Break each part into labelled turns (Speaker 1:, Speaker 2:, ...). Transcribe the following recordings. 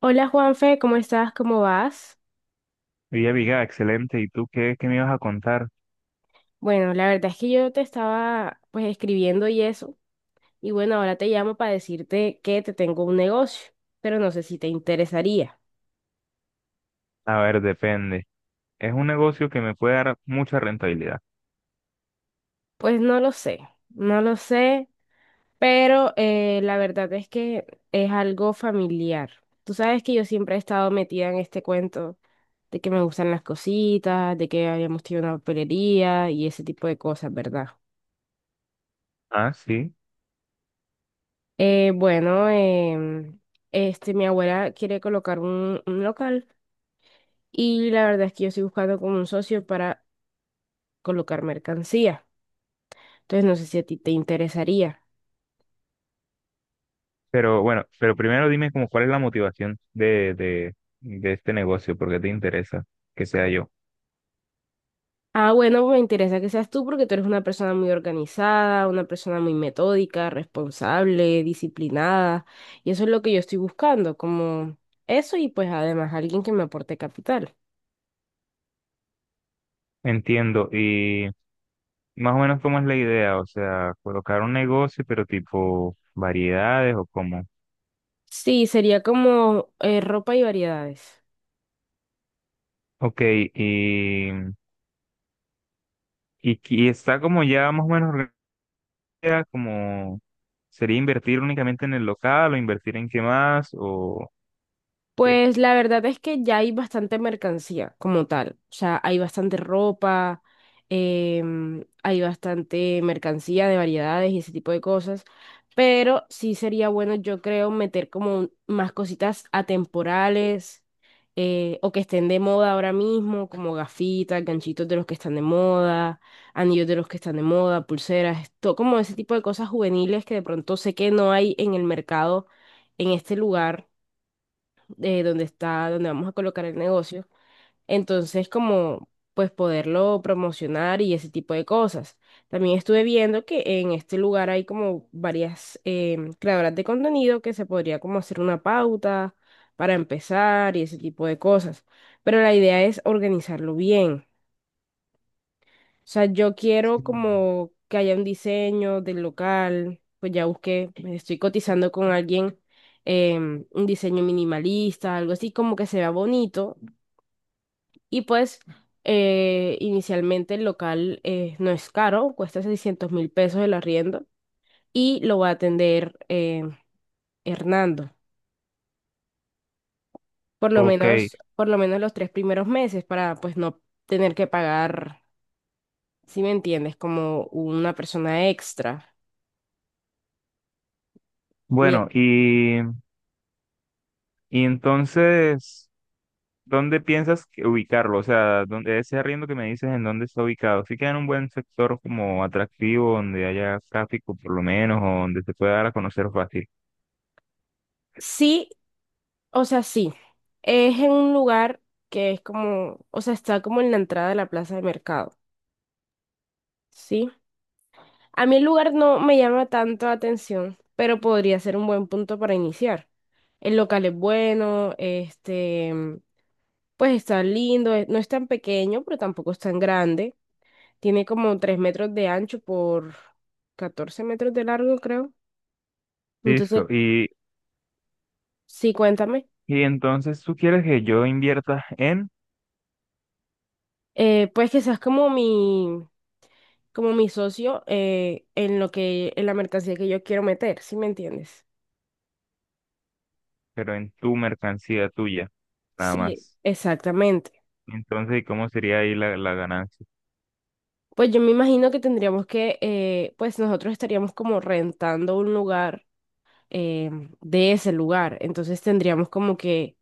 Speaker 1: Hola Juanfe, ¿cómo estás? ¿Cómo vas?
Speaker 2: Viga, excelente. ¿Y tú qué, qué me ibas a contar?
Speaker 1: Bueno, la verdad es que yo te estaba pues escribiendo y eso, y bueno, ahora te llamo para decirte que te tengo un negocio, pero no sé si te interesaría.
Speaker 2: A ver, depende. Es un negocio que me puede dar mucha rentabilidad.
Speaker 1: Pues no lo sé, no lo sé, pero la verdad es que es algo familiar. Tú sabes que yo siempre he estado metida en este cuento de que me gustan las cositas, de que habíamos tenido una papelería y ese tipo de cosas, ¿verdad?
Speaker 2: Ah, sí.
Speaker 1: Bueno, este, mi abuela quiere colocar un local y la verdad es que yo estoy buscando como un socio para colocar mercancía. Entonces no sé si a ti te interesaría.
Speaker 2: Pero bueno, pero primero dime como cuál es la motivación de este negocio, porque te interesa que sea yo.
Speaker 1: Ah, bueno, me interesa que seas tú porque tú eres una persona muy organizada, una persona muy metódica, responsable, disciplinada. Y eso es lo que yo estoy buscando, como eso y pues además alguien que me aporte capital.
Speaker 2: Entiendo. Y más o menos cómo es la idea, o sea, colocar un negocio, pero tipo variedades o cómo.
Speaker 1: Sí, sería como ropa y variedades.
Speaker 2: Ok, y está como ya más o menos idea? Como, ¿sería invertir únicamente en el local o invertir en qué más? ¿O qué?
Speaker 1: Pues la verdad es que ya hay bastante mercancía como tal. O sea, hay bastante ropa, hay bastante mercancía de variedades y ese tipo de cosas. Pero sí sería bueno, yo creo, meter como más cositas atemporales o que estén de moda ahora mismo, como gafitas, ganchitos de los que están de moda, anillos de los que están de moda, pulseras, todo como ese tipo de cosas juveniles que de pronto sé que no hay en el mercado en este lugar donde está, donde vamos a colocar el negocio. Entonces, como pues poderlo promocionar y ese tipo de cosas. También estuve viendo que en este lugar hay como varias creadoras de contenido que se podría como hacer una pauta para empezar y ese tipo de cosas. Pero la idea es organizarlo bien. O sea, yo quiero
Speaker 2: Mm.
Speaker 1: como que haya un diseño del local, pues ya busqué, estoy cotizando con alguien un diseño minimalista, algo así como que se vea bonito. Y pues inicialmente el local no es caro, cuesta 600.000 pesos el arriendo y lo va a atender Hernando, por lo
Speaker 2: Ok,
Speaker 1: menos, los tres primeros meses para pues no tener que pagar, si me entiendes, como una persona extra. Mien-
Speaker 2: bueno, y entonces, ¿dónde piensas que ubicarlo? O sea, ¿dónde, ese arriendo que me dices, ¿en dónde está ubicado? ¿Sí queda en un buen sector como atractivo, donde haya tráfico por lo menos, o donde se pueda dar a conocer fácil?
Speaker 1: Sí. O sea, sí, es en un lugar que es como, o sea, está como en la entrada de la plaza de mercado, ¿sí? A mí el lugar no me llama tanto la atención, pero podría ser un buen punto para iniciar. El local es bueno, este, pues está lindo, no es tan pequeño, pero tampoco es tan grande. Tiene como 3 metros de ancho por 14 metros de largo, creo. Entonces,
Speaker 2: Listo,
Speaker 1: sí, cuéntame.
Speaker 2: y entonces tú quieres que yo invierta en,
Speaker 1: Pues quizás como mi socio en lo que, en la mercancía que yo quiero meter, ¿sí me entiendes?
Speaker 2: pero en tu mercancía tuya, nada
Speaker 1: Sí,
Speaker 2: más.
Speaker 1: exactamente.
Speaker 2: Entonces, ¿y cómo sería ahí la ganancia?
Speaker 1: Pues yo me imagino que tendríamos que, pues nosotros estaríamos como rentando un lugar eh, de ese lugar, entonces tendríamos como que,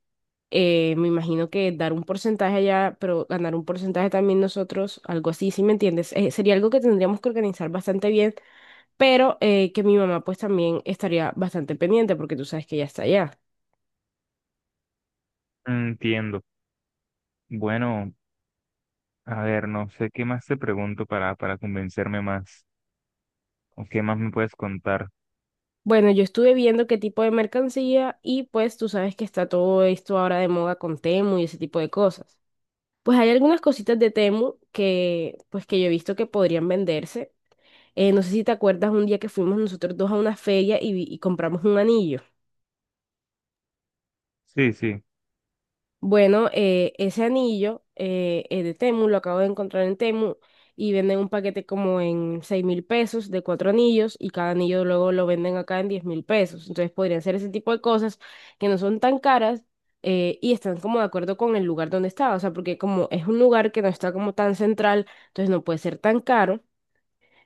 Speaker 1: me imagino que dar un porcentaje allá, pero ganar un porcentaje también nosotros, algo así, ¿sí me entiendes? Sería algo que tendríamos que organizar bastante bien, pero que mi mamá pues también estaría bastante pendiente porque tú sabes que ella está allá.
Speaker 2: Entiendo. Bueno, a ver, no sé qué más te pregunto para convencerme más, o qué más me puedes contar.
Speaker 1: Bueno, yo estuve viendo qué tipo de mercancía y pues tú sabes que está todo esto ahora de moda con Temu y ese tipo de cosas. Pues hay algunas cositas de Temu que pues que yo he visto que podrían venderse. No sé si te acuerdas un día que fuimos nosotros dos a una feria y, y compramos un anillo.
Speaker 2: Sí, sí.
Speaker 1: Bueno, ese anillo es de Temu, lo acabo de encontrar en Temu y venden un paquete como en 6.000 pesos de cuatro anillos y cada anillo luego lo venden acá en 10.000 pesos. Entonces podrían ser ese tipo de cosas que no son tan caras y están como de acuerdo con el lugar donde está. O sea, porque como es un lugar que no está como tan central, entonces no puede ser tan caro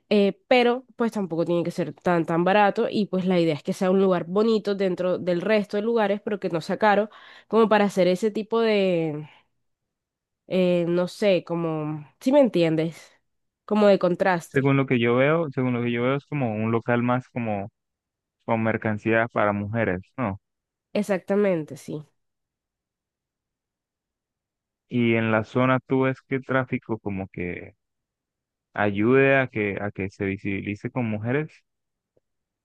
Speaker 1: pero pues tampoco tiene que ser tan tan barato y pues la idea es que sea un lugar bonito dentro del resto de lugares, pero que no sea caro, como para hacer ese tipo de, no sé, como, ¿si me entiendes? Como de contraste.
Speaker 2: Según lo que yo veo, según lo que yo veo es como un local más como con mercancía para mujeres, ¿no?
Speaker 1: Exactamente, sí.
Speaker 2: Y en la zona tú ves que el tráfico como que ayude a que se visibilice con mujeres.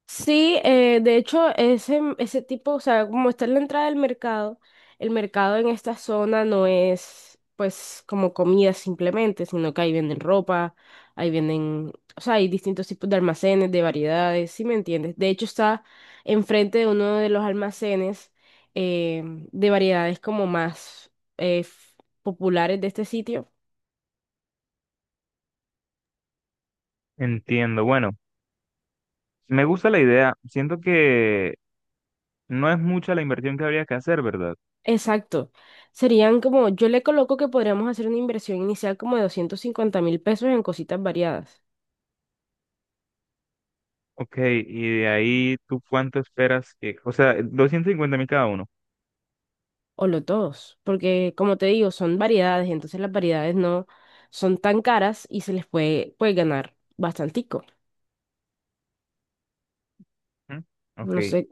Speaker 1: Sí, de hecho, ese tipo, o sea, como está en la entrada del mercado, el mercado en esta zona no es pues como comida simplemente, sino que ahí venden ropa, ahí venden, o sea, hay distintos tipos de almacenes, de variedades, ¿sí me entiendes? De hecho, está enfrente de uno de los almacenes de variedades como más eh, f- populares de este sitio.
Speaker 2: Entiendo. Bueno, me gusta la idea. Siento que no es mucha la inversión que habría que hacer, ¿verdad?
Speaker 1: Exacto. Serían como, yo le coloco que podríamos hacer una inversión inicial como de 250.000 pesos en cositas variadas
Speaker 2: Ok, y de ahí, ¿tú cuánto esperas que...? O sea, 250.000 cada uno.
Speaker 1: o lotos, porque como te digo, son variedades, entonces las variedades no son tan caras y se les puede ganar bastantico.
Speaker 2: ¿M? Ok.
Speaker 1: No sé,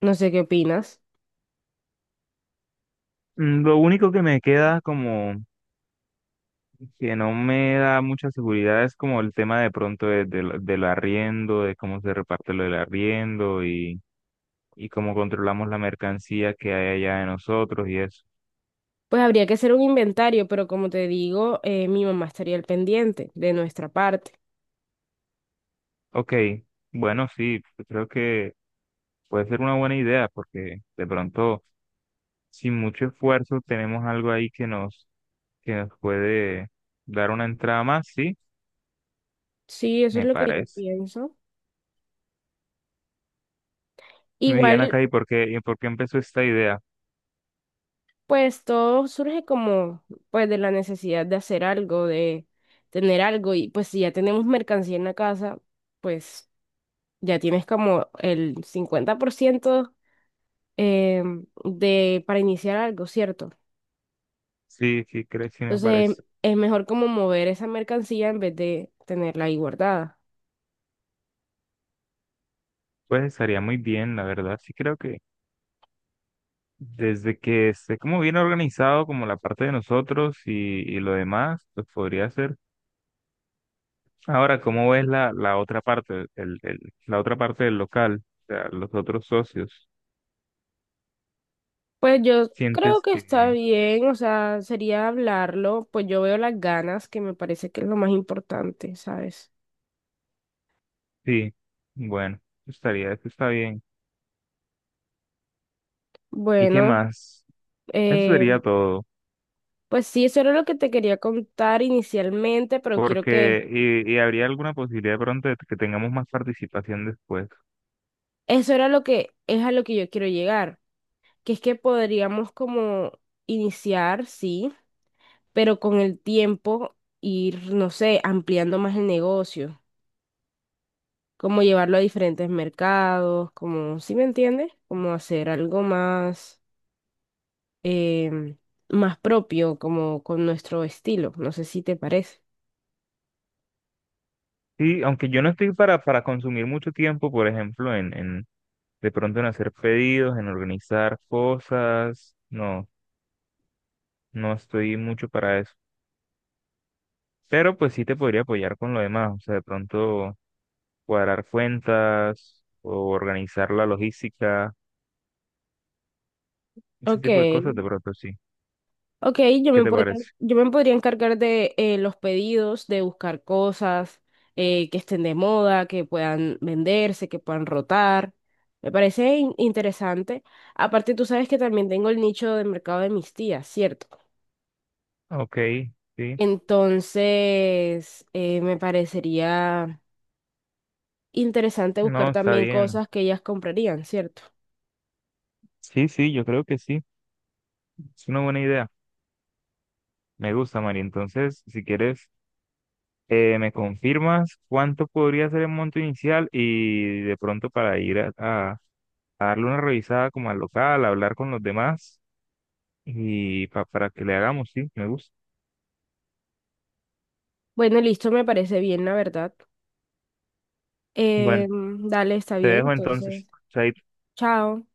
Speaker 1: no sé qué opinas.
Speaker 2: Mm, lo único que me queda como que no me da mucha seguridad es como el tema de pronto del arriendo, de cómo se reparte lo del arriendo y cómo controlamos la mercancía que hay allá de nosotros y eso.
Speaker 1: Pues habría que hacer un inventario, pero como te digo, mi mamá estaría al pendiente de nuestra parte.
Speaker 2: Ok, bueno, sí, yo creo que puede ser una buena idea porque de pronto, sin mucho esfuerzo, tenemos algo ahí que nos puede dar una entrada más, sí,
Speaker 1: Sí, eso es
Speaker 2: me
Speaker 1: lo que yo
Speaker 2: parece.
Speaker 1: pienso.
Speaker 2: Diana
Speaker 1: Igual.
Speaker 2: acá, y por qué empezó esta idea?
Speaker 1: Pues todo surge como pues de la necesidad de hacer algo, de tener algo y pues si ya tenemos mercancía en la casa, pues ya tienes como el 50% de para iniciar algo, ¿cierto?
Speaker 2: Sí, sí, creo, sí me
Speaker 1: Entonces
Speaker 2: parece.
Speaker 1: es mejor como mover esa mercancía en vez de tenerla ahí guardada.
Speaker 2: Pues estaría muy bien, la verdad. Sí creo que desde que esté como bien organizado, como la parte de nosotros y lo demás, pues podría ser. Ahora, ¿cómo ves la otra parte, la otra parte del local, o sea, los otros socios?
Speaker 1: Pues yo creo
Speaker 2: ¿Sientes
Speaker 1: que está
Speaker 2: que
Speaker 1: bien, o sea, sería hablarlo, pues yo veo las ganas, que me parece que es lo más importante, ¿sabes?
Speaker 2: sí? Bueno, eso estaría, eso está bien. ¿Y qué
Speaker 1: Bueno.
Speaker 2: más? Eso
Speaker 1: eh,
Speaker 2: sería todo.
Speaker 1: Pues sí, eso era lo que te quería contar inicialmente, pero quiero que,
Speaker 2: Porque, y habría alguna posibilidad de pronto de que tengamos más participación después.
Speaker 1: eso era lo que es a lo que yo quiero llegar, que es que podríamos como iniciar, sí, pero con el tiempo ir, no sé, ampliando más el negocio, como llevarlo a diferentes mercados, como, ¿sí me entiendes? Como hacer algo más, em, más propio, como con nuestro estilo, no sé si te parece.
Speaker 2: Sí, aunque yo no estoy para consumir mucho tiempo, por ejemplo, en de pronto en hacer pedidos, en organizar cosas, no, no estoy mucho para eso. Pero pues sí te podría apoyar con lo demás, o sea, de pronto cuadrar cuentas o organizar la logística, ese
Speaker 1: Ok.
Speaker 2: tipo de cosas de pronto sí.
Speaker 1: Ok, yo
Speaker 2: ¿Qué
Speaker 1: me
Speaker 2: te
Speaker 1: podría,
Speaker 2: parece?
Speaker 1: yo me podría encargar de los pedidos, de buscar cosas que estén de moda, que puedan venderse, que puedan rotar. Me parece interesante. Aparte, tú sabes que también tengo el nicho de mercado de mis tías, ¿cierto?
Speaker 2: Ok, sí,
Speaker 1: Entonces, me parecería interesante
Speaker 2: no,
Speaker 1: buscar
Speaker 2: está
Speaker 1: también
Speaker 2: bien.
Speaker 1: cosas que ellas comprarían, ¿cierto?
Speaker 2: Sí, sí, yo creo que sí, es una buena idea. Me gusta, María. Entonces, si quieres, me confirmas cuánto podría ser el monto inicial y de pronto para ir a darle una revisada como al local, hablar con los demás y para que le hagamos, sí, me gusta.
Speaker 1: Bueno, listo, me parece bien, la verdad.
Speaker 2: Bueno,
Speaker 1: Dale, está
Speaker 2: te
Speaker 1: bien,
Speaker 2: dejo entonces.
Speaker 1: entonces,
Speaker 2: Chaito.
Speaker 1: chao.